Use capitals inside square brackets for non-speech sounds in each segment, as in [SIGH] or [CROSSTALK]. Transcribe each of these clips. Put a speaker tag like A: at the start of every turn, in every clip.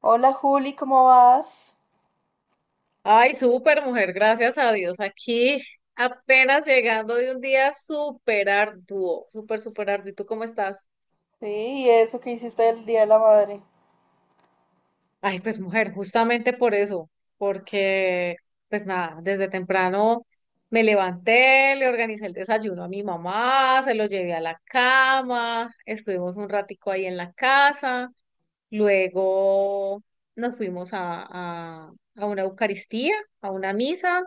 A: Hola Juli, ¿cómo vas?
B: Ay, súper mujer, gracias a Dios. Aquí apenas llegando de un día súper arduo, súper, súper arduo. ¿Y tú cómo estás?
A: Sí, ¿y eso que hiciste el Día de la Madre?
B: Ay, pues mujer, justamente por eso, porque pues nada, desde temprano me levanté, le organicé el desayuno a mi mamá, se lo llevé a la cama, estuvimos un ratico ahí en la casa, luego nos fuimos a una Eucaristía, a una misa.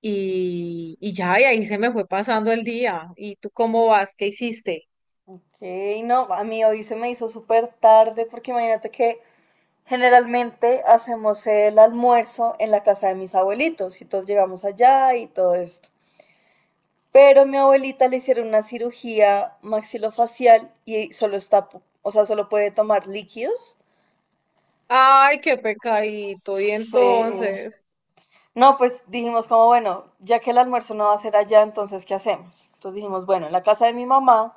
B: Y ya, y ahí se me fue pasando el día. ¿Y tú cómo vas? ¿Qué hiciste?
A: Ok, no, a mí hoy se me hizo súper tarde porque imagínate que generalmente hacemos el almuerzo en la casa de mis abuelitos y todos llegamos allá y todo esto. Pero a mi abuelita le hicieron una cirugía maxilofacial y solo está, o sea, solo puede tomar líquidos.
B: Ay, qué pecadito. Y
A: Sí.
B: entonces,
A: No, pues dijimos como, bueno, ya que el almuerzo no va a ser allá, entonces, ¿qué hacemos? Entonces dijimos, bueno, en la casa de mi mamá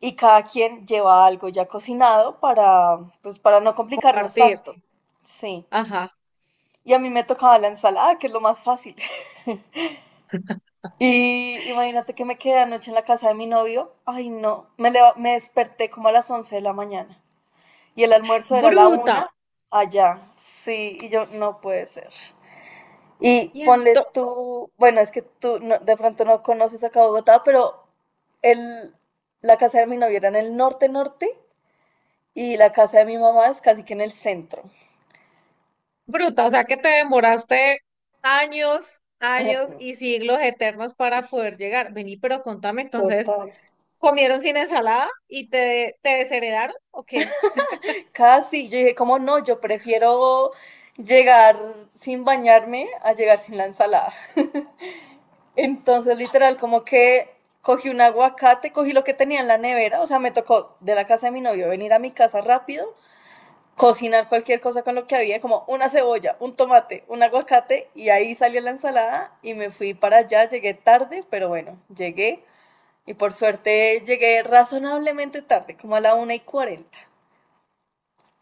A: y cada quien lleva algo ya cocinado para, pues, para no complicarnos
B: compartir.
A: tanto. Sí.
B: Ajá.
A: Y a mí me tocaba la ensalada, que es lo más fácil. [LAUGHS] Y imagínate que me quedé anoche en la casa de mi novio. Ay, no. Me desperté como a las 11 de la mañana. Y el almuerzo era a la 1
B: Bruta.
A: allá. Sí, y yo, no puede ser. Y
B: Y
A: ponle
B: ento-
A: tú, bueno, es que tú no- de pronto no conoces acá Bogotá, pero el, la casa de mi novio era en el norte norte. Y la casa de mi mamá es casi que en el centro.
B: Bruta, o sea que te demoraste años, años y siglos eternos para poder llegar. Vení, pero contame entonces,
A: Total.
B: ¿comieron sin ensalada y te desheredaron? ¿O qué?
A: Casi, yo dije, como no, yo prefiero llegar sin bañarme a llegar sin la ensalada. Entonces, literal, como que cogí un aguacate, cogí lo que tenía en la nevera, o sea, me tocó de la casa de mi novio venir a mi casa rápido, cocinar cualquier cosa con lo que había, como una cebolla, un tomate, un aguacate, y ahí salió la ensalada y me fui para allá, llegué tarde, pero bueno, llegué. Y por suerte llegué razonablemente tarde, como a la 1:40.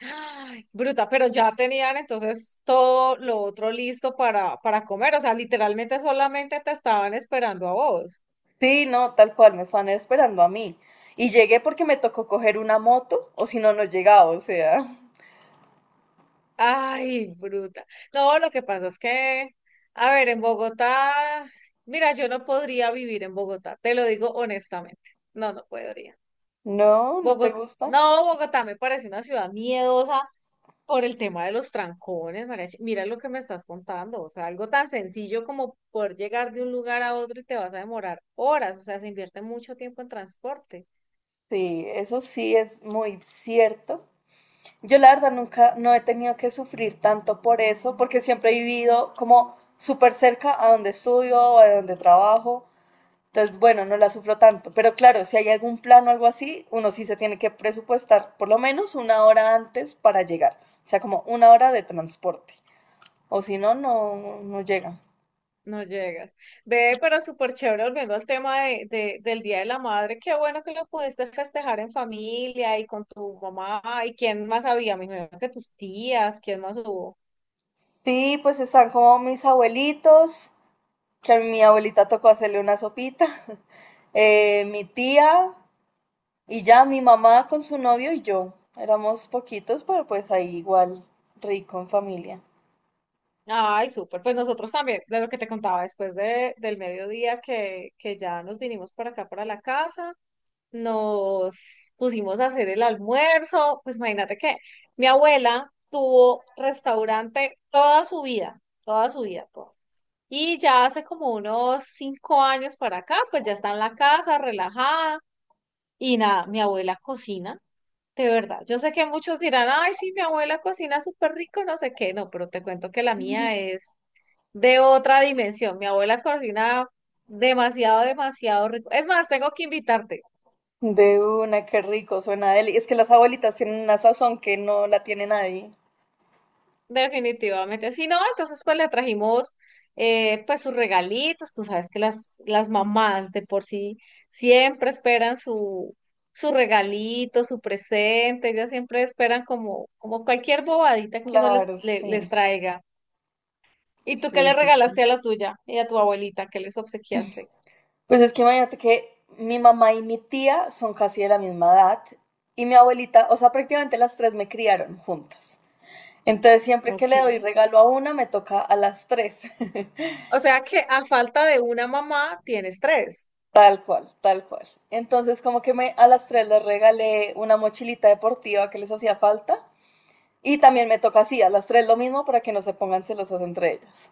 B: Ay, bruta, pero ya tenían entonces todo lo otro listo para comer, o sea, literalmente solamente te estaban esperando a vos.
A: Sí, no, tal cual, me estaban esperando a mí. Y llegué porque me tocó coger una moto, o si no, no llegaba, o sea.
B: Ay, bruta. No, lo que pasa es que, a ver, en Bogotá, mira, yo no podría vivir en Bogotá, te lo digo honestamente, no, no podría.
A: No, ¿no te
B: Bogotá,
A: gusta?
B: no, Bogotá me parece una ciudad miedosa. Por el tema de los trancones, Mariachi. Mira lo que me estás contando. O sea, algo tan sencillo como poder llegar de un lugar a otro y te vas a demorar horas. O sea, se invierte mucho tiempo en transporte.
A: Sí, eso sí es muy cierto. Yo la verdad nunca, no he tenido que sufrir tanto por eso, porque siempre he vivido como súper cerca a donde estudio, a donde trabajo. Entonces, bueno, no la sufro tanto. Pero claro, si hay algún plan o algo así, uno sí se tiene que presupuestar por lo menos una hora antes para llegar. O sea, como una hora de transporte. O si no, no, no llega.
B: No llegas. Ve, pero súper chévere, volviendo al tema del Día de la Madre. Qué bueno que lo pudiste festejar en familia y con tu mamá. ¿Y quién más había? Me imagino que tus tías. ¿Quién más hubo?
A: Sí, pues están como mis abuelitos, que a mi abuelita tocó hacerle una sopita, [LAUGHS] mi tía y ya mi mamá con su novio y yo. Éramos poquitos, pero pues ahí igual rico en familia.
B: Ay, súper. Pues nosotros también, de lo que te contaba después del mediodía que ya nos vinimos para acá, para la casa. Nos pusimos a hacer el almuerzo. Pues imagínate que mi abuela tuvo restaurante toda su vida, toda su vida, toda. Y ya hace como unos 5 años para acá, pues ya está en la casa, relajada. Y nada, mi abuela cocina, de verdad. Yo sé que muchos dirán, ay, sí, mi abuela cocina súper rico, no sé qué, no, pero te cuento que la mía es de otra dimensión. Mi abuela cocina demasiado, demasiado rico. Es más, tengo que invitarte.
A: De una, qué rico suena deli. Es que las abuelitas tienen una sazón que no la tiene nadie.
B: Definitivamente. Si no, entonces pues le trajimos pues sus regalitos. Tú sabes que las mamás de por sí siempre esperan su, regalito, su presente. Ellas siempre esperan como, como cualquier bobadita que uno les,
A: Claro,
B: le- les
A: sí.
B: traiga. ¿Y tú qué
A: Sí,
B: le
A: sí, sí.
B: regalaste a la tuya y a tu abuelita? ¿Qué les obsequiaste?
A: Pues es que imagínate que mi mamá y mi tía son casi de la misma edad y mi abuelita, o sea, prácticamente las tres me criaron juntas. Entonces, siempre que
B: Ok.
A: le doy regalo a una, me toca a las tres. [LAUGHS]
B: O sea que a falta de una mamá tienes tres.
A: Tal cual, tal cual. Entonces, como que me, a las tres les regalé una mochilita deportiva que les hacía falta. Y también me toca así, a las tres lo mismo para que no se pongan celosas entre ellas.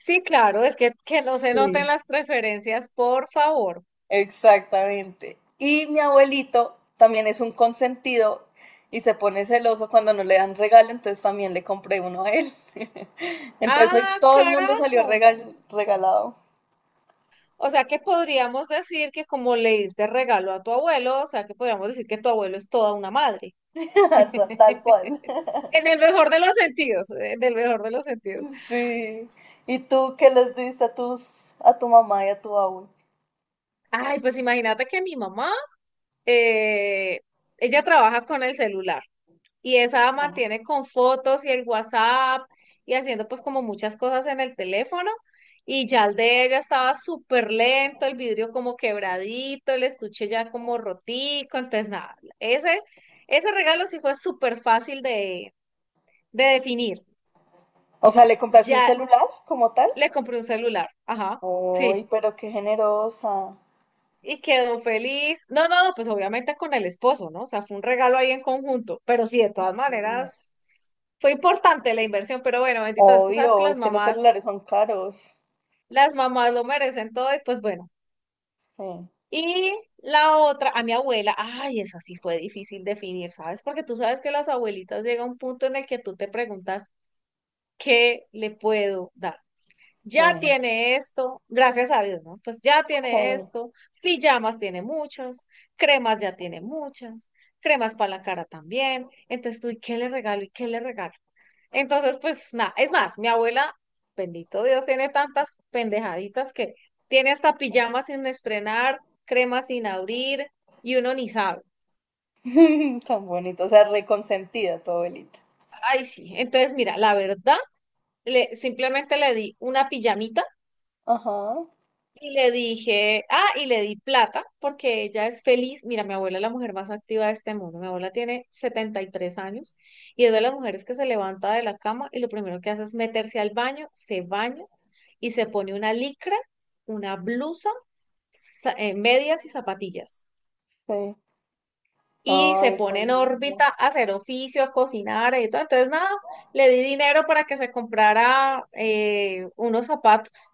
B: Sí, claro, es que no se noten
A: Sí,
B: las preferencias, por favor.
A: exactamente. Y mi abuelito también es un consentido y se pone celoso cuando no le dan regalo, entonces también le compré uno a él. [LAUGHS] Entonces hoy
B: Ah,
A: todo el mundo salió
B: carajo.
A: regalado.
B: O sea que podríamos decir que como le diste regalo a tu abuelo, o sea que podríamos decir que tu abuelo es toda una madre.
A: [LAUGHS] Tal cual.
B: [LAUGHS] En el mejor de los sentidos, en el mejor de los sentidos.
A: Sí. ¿Y tú qué les diste a tus, a tu mamá y a tu abuelo?
B: Ay, pues imagínate que mi mamá, eh, ella trabaja con el celular y esa mantiene con fotos y el WhatsApp y haciendo pues como muchas cosas en el teléfono. Y ya el de ella estaba súper lento, el vidrio como quebradito, el estuche ya como rotico. Entonces, nada, ese, regalo sí fue súper fácil de definir.
A: O sea, ¿le compraste un
B: Ya
A: celular como tal?
B: le compré un celular. Ajá, sí.
A: Uy, pero qué generosa.
B: Y quedó feliz. No, no, no, pues obviamente con el esposo, ¿no? O sea, fue un regalo ahí en conjunto. Pero sí, de todas maneras, fue importante la inversión. Pero bueno, bendito Dios, tú sabes que
A: Obvio, es que los celulares son caros.
B: las mamás lo merecen todo y pues bueno.
A: Sí,
B: Y la otra, a mi abuela, ay, esa sí fue difícil definir, ¿sabes? Porque tú sabes que las abuelitas llega un punto en el que tú te preguntas, ¿qué le puedo dar?
A: sí,
B: Ya tiene esto, gracias a Dios, ¿no? Pues ya tiene
A: sí.
B: esto, pijamas tiene muchas, cremas ya tiene muchas, cremas para la cara también. Entonces tú, ¿y qué le regalo? ¿Y qué le regalo? Entonces, pues nada, es más, mi abuela, bendito Dios, tiene tantas pendejaditas que tiene hasta pijamas sin estrenar, cremas sin abrir. Y uno ni sabe.
A: [LAUGHS] Tan bonito, o sea, reconsentida tu abuelita.
B: Ay, sí. Entonces, mira, la verdad, le, simplemente le di una pijamita.
A: Ajá,
B: Y le dije, ah, y le di plata porque ella es feliz. Mira, mi abuela es la mujer más activa de este mundo. Mi abuela tiene 73 años y es de las mujeres que se levanta de la cama y lo primero que hace es meterse al baño, se baña y se pone una licra, una blusa, medias y zapatillas
A: sí.
B: y se
A: Ay, tan
B: pone en
A: lindo.
B: órbita a hacer oficio, a cocinar y todo. Entonces, nada, le di dinero para que se comprara unos zapatos,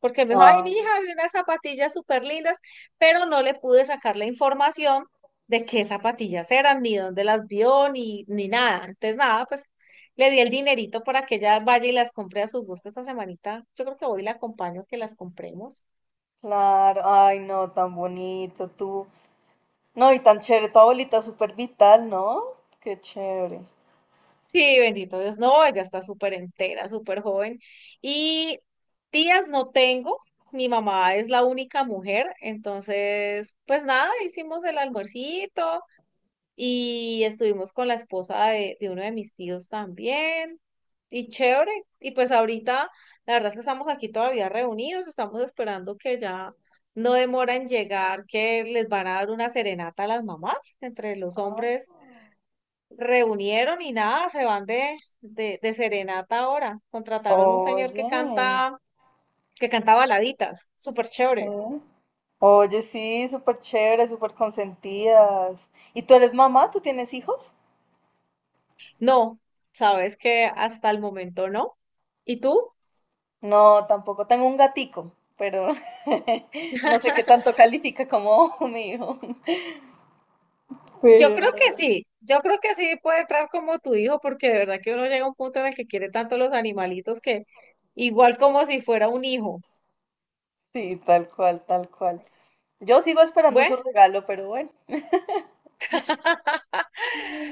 B: porque me dijo, ay, mi
A: Ah,
B: hija, vi unas zapatillas súper lindas, pero no le pude sacar la información de qué zapatillas eran, ni dónde las vio, ni nada. Entonces, nada, pues le di el dinerito para que ella vaya y las compre a su gusto esta semanita. Yo creo que voy y la acompaño que las compremos.
A: claro, ay, no, tan bonito tú. No, y tan chévere, tu abuelita súper vital, ¿no? Qué chévere.
B: Sí, bendito Dios, no, ella está súper entera, súper joven. Y tías no tengo, mi mamá es la única mujer, entonces, pues nada, hicimos el almuercito y estuvimos con la esposa de uno de mis tíos también, y chévere. Y pues ahorita, la verdad es que estamos aquí todavía reunidos, estamos esperando que ya no demora en llegar, que les van a dar una serenata a las mamás entre los
A: Ah,
B: hombres reunieron y nada, se van de serenata ahora. Contrataron un señor
A: oye,
B: que canta baladitas, súper chévere.
A: sí. Oye, sí, súper chévere, súper consentidas. ¿Y tú eres mamá? ¿Tú tienes hijos?
B: No, sabes que hasta el momento no. ¿Y tú?
A: No, tampoco. Tengo un gatico, pero [LAUGHS] no sé qué tanto
B: [LAUGHS]
A: califica como [LAUGHS] mi hijo.
B: Yo
A: Pero
B: creo que
A: no.
B: sí, yo creo que sí puede entrar como tu hijo, porque de verdad que uno llega a un punto en el que quiere tanto los animalitos que igual como si fuera un hijo.
A: Sí, tal cual, tal cual. Yo sigo esperando
B: Bueno,
A: su regalo, pero bueno.
B: [LAUGHS]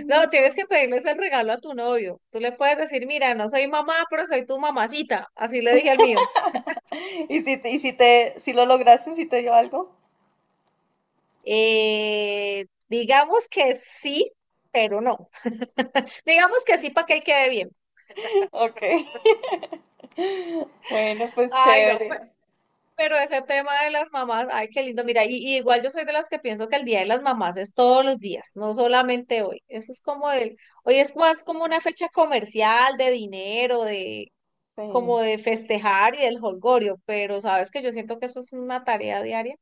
B: no, tienes que pedirles el regalo a tu novio. Tú le puedes decir, mira, no soy mamá, pero soy tu mamacita. Así le dije al mío.
A: [LAUGHS] y si te, si lo lograste, si te dio algo?
B: Digamos que sí, pero no. [LAUGHS] Digamos que sí para que él quede bien.
A: Ok. [LAUGHS] Bueno, pues
B: Ay, no,
A: chévere.
B: pero ese tema de las mamás, ay, qué lindo. Mira, y igual yo soy de las que pienso que el Día de las Mamás es todos los días, no solamente hoy. Eso es como el, hoy es más como una fecha comercial de dinero, de como
A: Sí,
B: de festejar y del holgorio, pero sabes que yo siento que eso es una tarea diaria.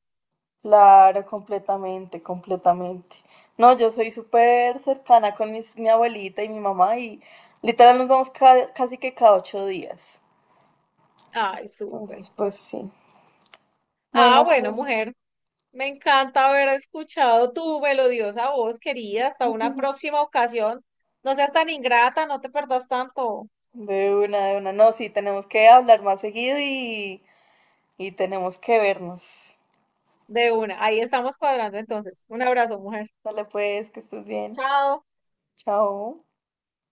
A: claro, completamente, completamente. No, yo soy súper cercana con mi abuelita y mi mamá y literal nos vamos casi que cada 8 días.
B: Ay, súper.
A: Entonces, pues sí.
B: Ah,
A: Bueno,
B: bueno,
A: Julio,
B: mujer. Me encanta haber escuchado tu melodiosa voz, querida. Hasta una próxima ocasión. No seas tan ingrata, no te perdas tanto
A: de una, de una. No, sí, tenemos que hablar más seguido y tenemos que vernos.
B: de una. Ahí estamos cuadrando entonces. Un abrazo, mujer.
A: Dale pues, que estés bien.
B: Chao.
A: Chao.